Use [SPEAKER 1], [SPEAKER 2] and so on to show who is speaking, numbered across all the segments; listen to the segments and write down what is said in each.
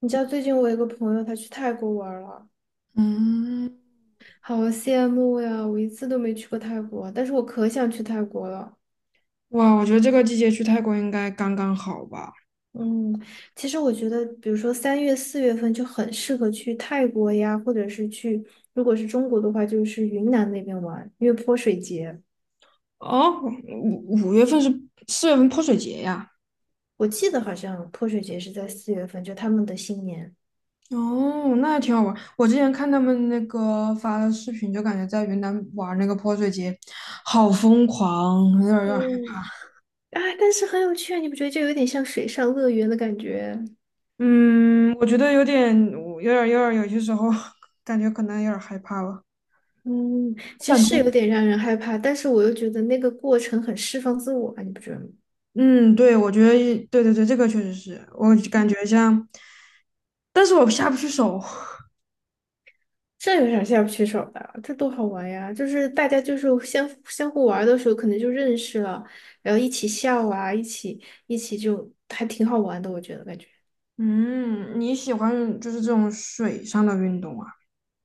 [SPEAKER 1] 你知道最近我有个朋友，他去泰国玩儿了，
[SPEAKER 2] 嗯，
[SPEAKER 1] 好羡慕呀！我一次都没去过泰国，但是我可想去泰国了。
[SPEAKER 2] 哇，我觉得这个季节去泰国应该刚刚好吧？
[SPEAKER 1] 嗯，其实我觉得，比如说三月、四月份就很适合去泰国呀，或者是去，如果是中国的话，就是云南那边玩，因为泼水节，
[SPEAKER 2] 哦，五五月份是四月份泼水节呀。
[SPEAKER 1] 我记得好像泼水节是在四月份，就他们的新年。
[SPEAKER 2] 哦，那还挺好玩。我之前看他们那个发的视频，就感觉在云南玩那个泼水节，好疯狂，有点儿害
[SPEAKER 1] 嗯，
[SPEAKER 2] 怕。
[SPEAKER 1] 哎，但是很有趣啊，你不觉得这有点像水上乐园的感觉？
[SPEAKER 2] 嗯，我觉得有点儿，有些时候 感觉可能有点儿害怕了。
[SPEAKER 1] 嗯，
[SPEAKER 2] 我
[SPEAKER 1] 其实
[SPEAKER 2] 感
[SPEAKER 1] 是有
[SPEAKER 2] 觉，
[SPEAKER 1] 点让人害怕，但是我又觉得那个过程很释放自我啊，你不觉得吗？
[SPEAKER 2] 嗯，对，我觉得，对对对，这个确实是，我感觉像，但是我下不去手。
[SPEAKER 1] 这有啥下不去手的？这多好玩呀！就是大家就是相互玩的时候，可能就认识了，然后一起笑啊，一起就还挺好玩的，我觉得感觉。
[SPEAKER 2] 嗯，你喜欢就是这种水上的运动啊？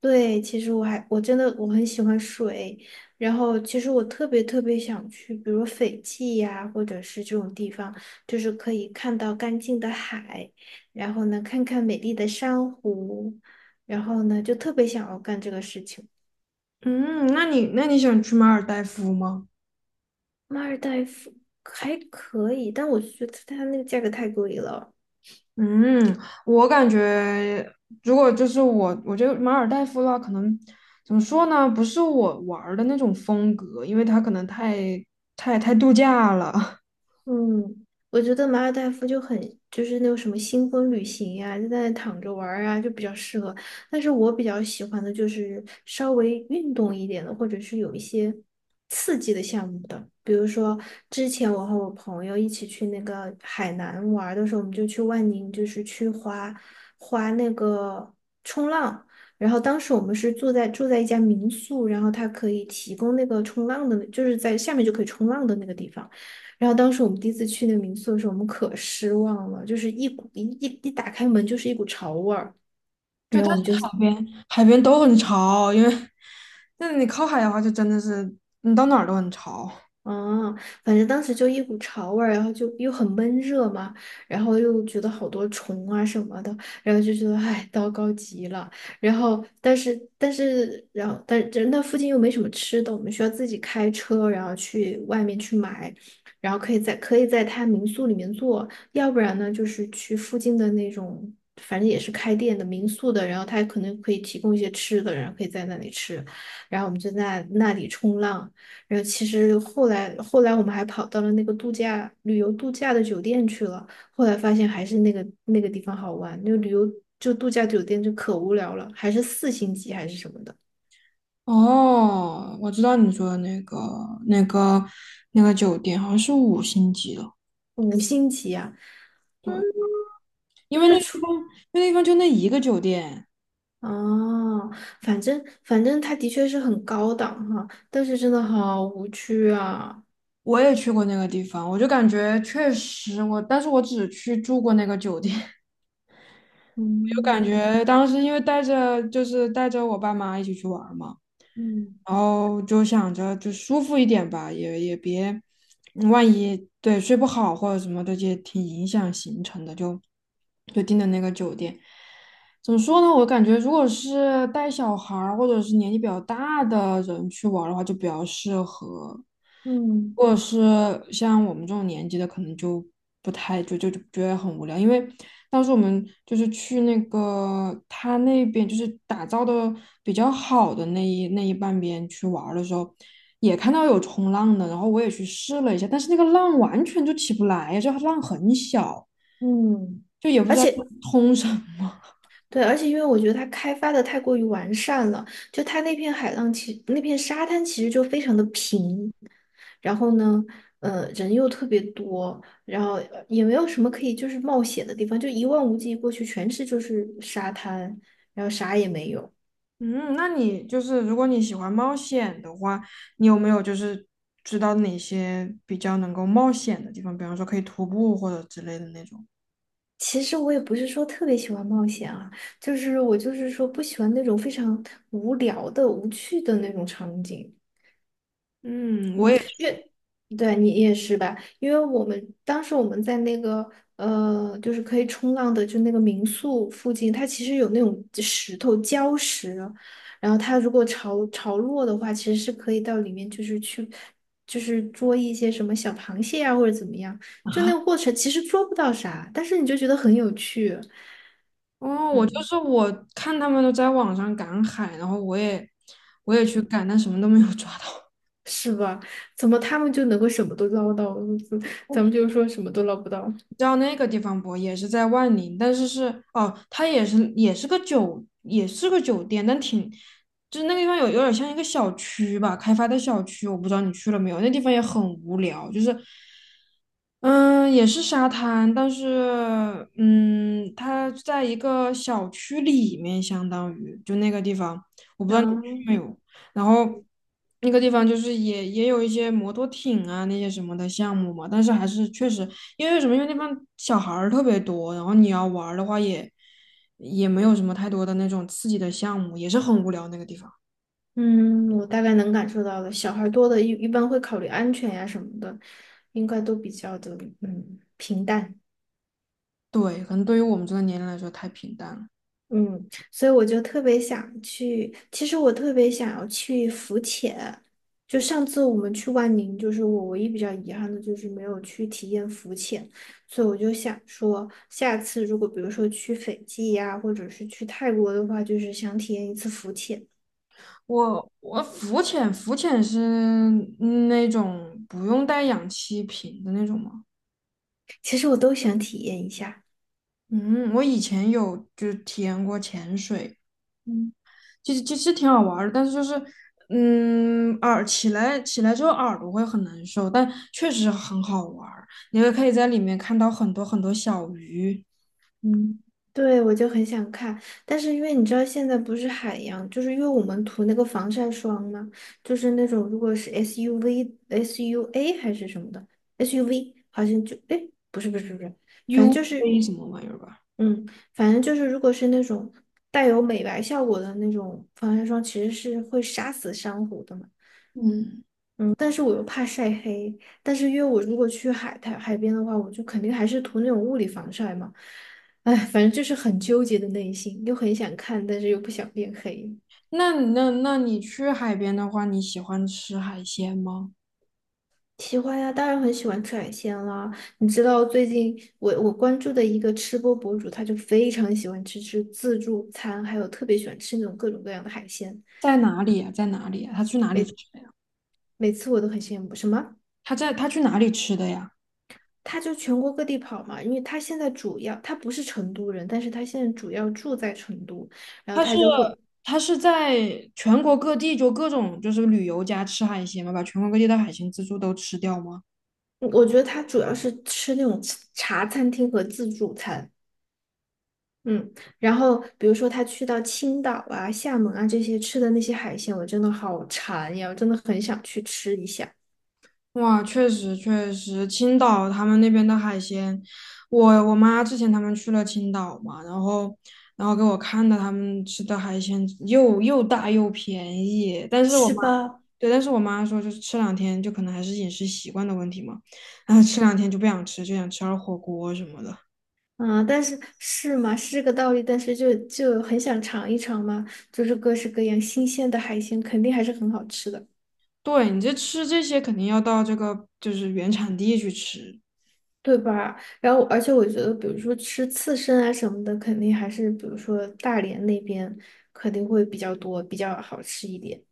[SPEAKER 1] 对，其实我还我真的我很喜欢水，然后其实我特别特别想去，比如斐济呀、或者是这种地方，就是可以看到干净的海，然后呢，看看美丽的珊瑚，然后呢，就特别想要干这个事情。
[SPEAKER 2] 嗯，那你喜欢去马尔代夫吗？
[SPEAKER 1] 马尔代夫还可以，但我觉得它那个价格太贵了。
[SPEAKER 2] 嗯，我感觉如果就是我，我觉得马尔代夫的话，可能怎么说呢？不是我玩儿的那种风格，因为它可能太度假了。
[SPEAKER 1] 嗯，我觉得马尔代夫就是那种什么新婚旅行呀、就在那躺着玩儿啊，就比较适合。但是我比较喜欢的就是稍微运动一点的，或者是有一些刺激的项目的。比如说，之前我和我朋友一起去那个海南玩儿的时候，我们就去万宁，就是去滑那个冲浪。然后当时我们是住在一家民宿，然后它可以提供那个冲浪的，就是在下面就可以冲浪的那个地方。然后当时我们第一次去那个民宿的时候，我们可失望了，就是一股一一一打开门就是一股潮味儿。
[SPEAKER 2] 就
[SPEAKER 1] 然
[SPEAKER 2] 它
[SPEAKER 1] 后我
[SPEAKER 2] 是
[SPEAKER 1] 们就
[SPEAKER 2] 海边，都很潮，因为那你靠海的话，就真的是你到哪儿都很潮。
[SPEAKER 1] 哦，反正当时就一股潮味儿，然后就又很闷热嘛，然后又觉得好多虫啊什么的，然后就觉得唉，糟糕极了。然后，但是那附近又没什么吃的，我们需要自己开车，然后去外面去买，然后可以在他民宿里面做，要不然呢，就是去附近的那种，反正也是开店的民宿的，然后他可能可以提供一些吃的，然后可以在那里吃，然后我们就在那里冲浪。然后其实后来我们还跑到了那个旅游度假的酒店去了，后来发现还是那个地方好玩，那个旅游就度假酒店就可无聊了，还是四星级还是什么的。
[SPEAKER 2] 哦，我知道你说的那个、那个酒店，好像是五星级的。对，因为那个地方就那一个酒店，
[SPEAKER 1] 哦，反正它的确是很高档哈，但是真的好无趣啊。
[SPEAKER 2] 我也去过那个地方，我就感觉确实我，但是我只去住过那个酒店，我就感
[SPEAKER 1] 嗯
[SPEAKER 2] 觉当时因为带着我爸妈一起去玩儿嘛，
[SPEAKER 1] 嗯
[SPEAKER 2] 然后就想着就舒服一点吧，也别，万一对睡不好或者什么的，也挺影响行程的，就订的那个酒店。怎么说呢？我感觉如果是带小孩儿或者是年纪比较大的人去玩儿的话，就比较适合。如
[SPEAKER 1] 嗯
[SPEAKER 2] 果是像我们这种年纪的，可能就不太就就就觉得很无聊，因为当时我们就是去那个他那边就是打造的比较好的那一半边去玩儿的时候，也看到有冲浪的，然后我也去试了一下，但是那个浪完全就起不来，就浪很小，
[SPEAKER 1] 嗯，
[SPEAKER 2] 就也不知
[SPEAKER 1] 而
[SPEAKER 2] 道
[SPEAKER 1] 且
[SPEAKER 2] 通什
[SPEAKER 1] 对，而且因为我觉得它开发的太过于完善了，就它那片海浪其那片沙滩其实就非常的平，然后呢，人又特别多，然后也没有什么可以就是冒险的地方，就一望无际过去全是就是沙滩，然后啥也没有。
[SPEAKER 2] 嗯，那你就是如果你喜欢冒险的话，你有没有就是知道哪些比较能够冒险的地方？比方说可以徒步或者之类的那种。
[SPEAKER 1] 其实我也不是说特别喜欢冒险啊，就是我就是说不喜欢那种非常无聊的、无趣的那种场景。
[SPEAKER 2] 嗯，
[SPEAKER 1] 嗯，因为对你也是吧？因为我们当时在那个就是可以冲浪的，就那个民宿附近，它其实有那种石头礁石，然后它如果潮落的话，其实是可以到里面，就是去就是捉一些什么小螃蟹啊，或者怎么样。就那个过程其实捉不到啥，但是你就觉得很有趣，
[SPEAKER 2] 哦，我就
[SPEAKER 1] 嗯，
[SPEAKER 2] 是我看他们都在网上赶海，然后我也去赶，但什么都没有抓到。
[SPEAKER 1] 是吧？怎么他们就能够什么都捞到，咱们就说什么都捞不到，
[SPEAKER 2] 你知道那个地方不？也是在万宁，但是哦，它也是个酒店，但挺，就是那个地方有点像一个小区吧，开发的小区，我不知道你去了没有。那地方也很无聊，就是，嗯，也是沙滩，但是嗯，它在一个小区里面，相当于就那个地方，我不知道你
[SPEAKER 1] 嗯。
[SPEAKER 2] 去没有。然后那个地方就是也有一些摩托艇啊那些什么的项目嘛，但是还是确实因为什么，因为那边小孩儿特别多，然后你要玩儿的话也没有什么太多的那种刺激的项目，也是很无聊那个地方。
[SPEAKER 1] 嗯，我大概能感受到的，小孩多的一般会考虑安全呀什么的，应该都比较的平淡，
[SPEAKER 2] 对，可能对于我们这个年龄来说太平淡了。
[SPEAKER 1] 嗯，所以我就特别想去，其实我特别想要去浮潜，就上次我们去万宁，就是我唯一比较遗憾的就是没有去体验浮潜，所以我就想说，下次如果比如说去斐济呀，或者是去泰国的话，就是想体验一次浮潜，
[SPEAKER 2] 我浮潜，是那种不用带氧气瓶的那种吗？
[SPEAKER 1] 其实我都想体验一下。
[SPEAKER 2] 嗯，我以前有就是体验过潜水，
[SPEAKER 1] 嗯。
[SPEAKER 2] 其实挺好玩儿的，但是就是，嗯，耳起来起来之后耳朵会很难受，但确实很好玩儿。你也可以在里面看到很多很多小鱼、
[SPEAKER 1] 嗯，对，我就很想看，但是因为你知道现在不是海洋，就是因为我们涂那个防晒霜嘛，就是那种如果是 SUV、SUA 还是什么的 SUV，好像就哎，不是不是不是，反正
[SPEAKER 2] uv
[SPEAKER 1] 就是
[SPEAKER 2] 什么玩意儿吧。
[SPEAKER 1] 嗯，反正就是如果是那种带有美白效果的那种防晒霜，其实是会杀死珊瑚的嘛。
[SPEAKER 2] 嗯，
[SPEAKER 1] 嗯，但是我又怕晒黑，但是因为我如果去海边的话，我就肯定还是涂那种物理防晒嘛。哎，反正就是很纠结的内心，又很想看，但是又不想变黑。
[SPEAKER 2] 那你去海边的话，你喜欢吃海鲜吗？
[SPEAKER 1] 喜欢呀，当然很喜欢吃海鲜啦。你知道最近我关注的一个吃播博主，他就非常喜欢吃自助餐，还有特别喜欢吃那种各种各样的海鲜。
[SPEAKER 2] 在哪里呀、在哪里呀、他去哪里吃的呀？
[SPEAKER 1] 每次我都很羡慕。什么？
[SPEAKER 2] 他去哪里吃的呀？
[SPEAKER 1] 他就全国各地跑嘛，因为他现在主要他不是成都人，但是他现在主要住在成都，然后
[SPEAKER 2] 他是
[SPEAKER 1] 他就会，
[SPEAKER 2] 他是在全国各地就各种就是旅游家吃海鲜吗？把全国各地的海鲜自助都吃掉吗？
[SPEAKER 1] 我觉得他主要是吃那种茶餐厅和自助餐，嗯，然后比如说他去到青岛啊、厦门啊这些吃的那些海鲜，我真的好馋呀，我真的很想去吃一下，
[SPEAKER 2] 哇，确实确实，青岛他们那边的海鲜，我妈之前他们去了青岛嘛，然后给我看的他们吃的海鲜又大又便宜，但是
[SPEAKER 1] 是吧？
[SPEAKER 2] 对，但是我妈说就是吃两天就可能还是饮食习惯的问题嘛，然后吃两天就不想吃，就想吃点儿火锅什么的。
[SPEAKER 1] 嗯，但是是嘛，是这个道理，但是就很想尝一尝嘛，就是各式各样新鲜的海鲜，肯定还是很好吃的。
[SPEAKER 2] 对，你这吃这些肯定要到这个就是原产地去吃。
[SPEAKER 1] 对吧？然后，而且我觉得，比如说吃刺身啊什么的，肯定还是比如说大连那边肯定会比较多，比较好吃一点。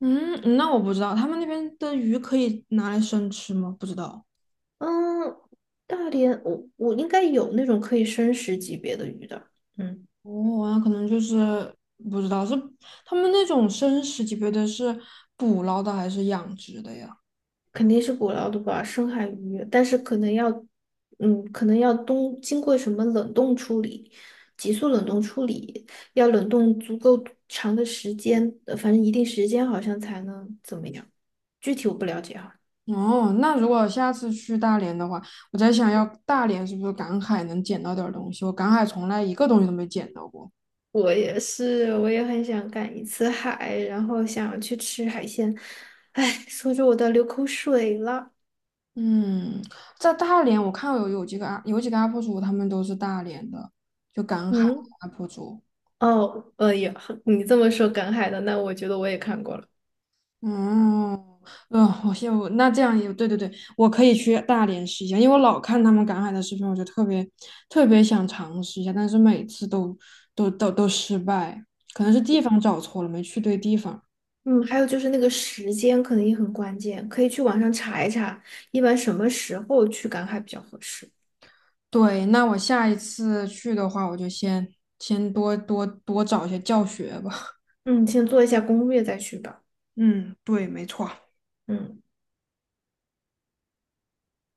[SPEAKER 2] 嗯，那我不知道他们那边的鱼可以拿来生吃吗？不知道。
[SPEAKER 1] 嗯，大连我应该有那种可以生食级别的鱼的，嗯，
[SPEAKER 2] 哦，那可能就是不知道是他们那种生食级别的是捕捞的还是养殖的呀？
[SPEAKER 1] 肯定是捕捞的吧，深海鱼，但是可能要经过什么冷冻处理，急速冷冻处理，要冷冻足够长的时间，反正一定时间好像才能怎么样，具体我不了解哈。
[SPEAKER 2] 哦，那如果下次去大连的话，我在想要大连是不是赶海能捡到点儿东西？我赶海从来一个东西都没捡到过。
[SPEAKER 1] 我也是，我也很想赶一次海，然后想去吃海鲜。哎，说着我都流口水了。
[SPEAKER 2] 嗯，在大连我看有几个 u P 有几个 UP 主，他们都是大连的，就赶海
[SPEAKER 1] 嗯，
[SPEAKER 2] UP 主。
[SPEAKER 1] 哦，你这么说赶海的，那我觉得我也看过了。
[SPEAKER 2] 嗯，我羡我那这样也对对对，我可以去大连试一下，因为我老看他们赶海的视频，我就特别特别想尝试一下，但是每次都失败，可能是地方找错了，没去对地方。
[SPEAKER 1] 嗯，还有就是那个时间可能也很关键，可以去网上查一查，一般什么时候去赶海比较合适。
[SPEAKER 2] 对，那我下一次去的话，我就先多找一些教学吧。
[SPEAKER 1] 嗯，先做一下攻略再去吧。
[SPEAKER 2] 嗯，对，没错。
[SPEAKER 1] 嗯。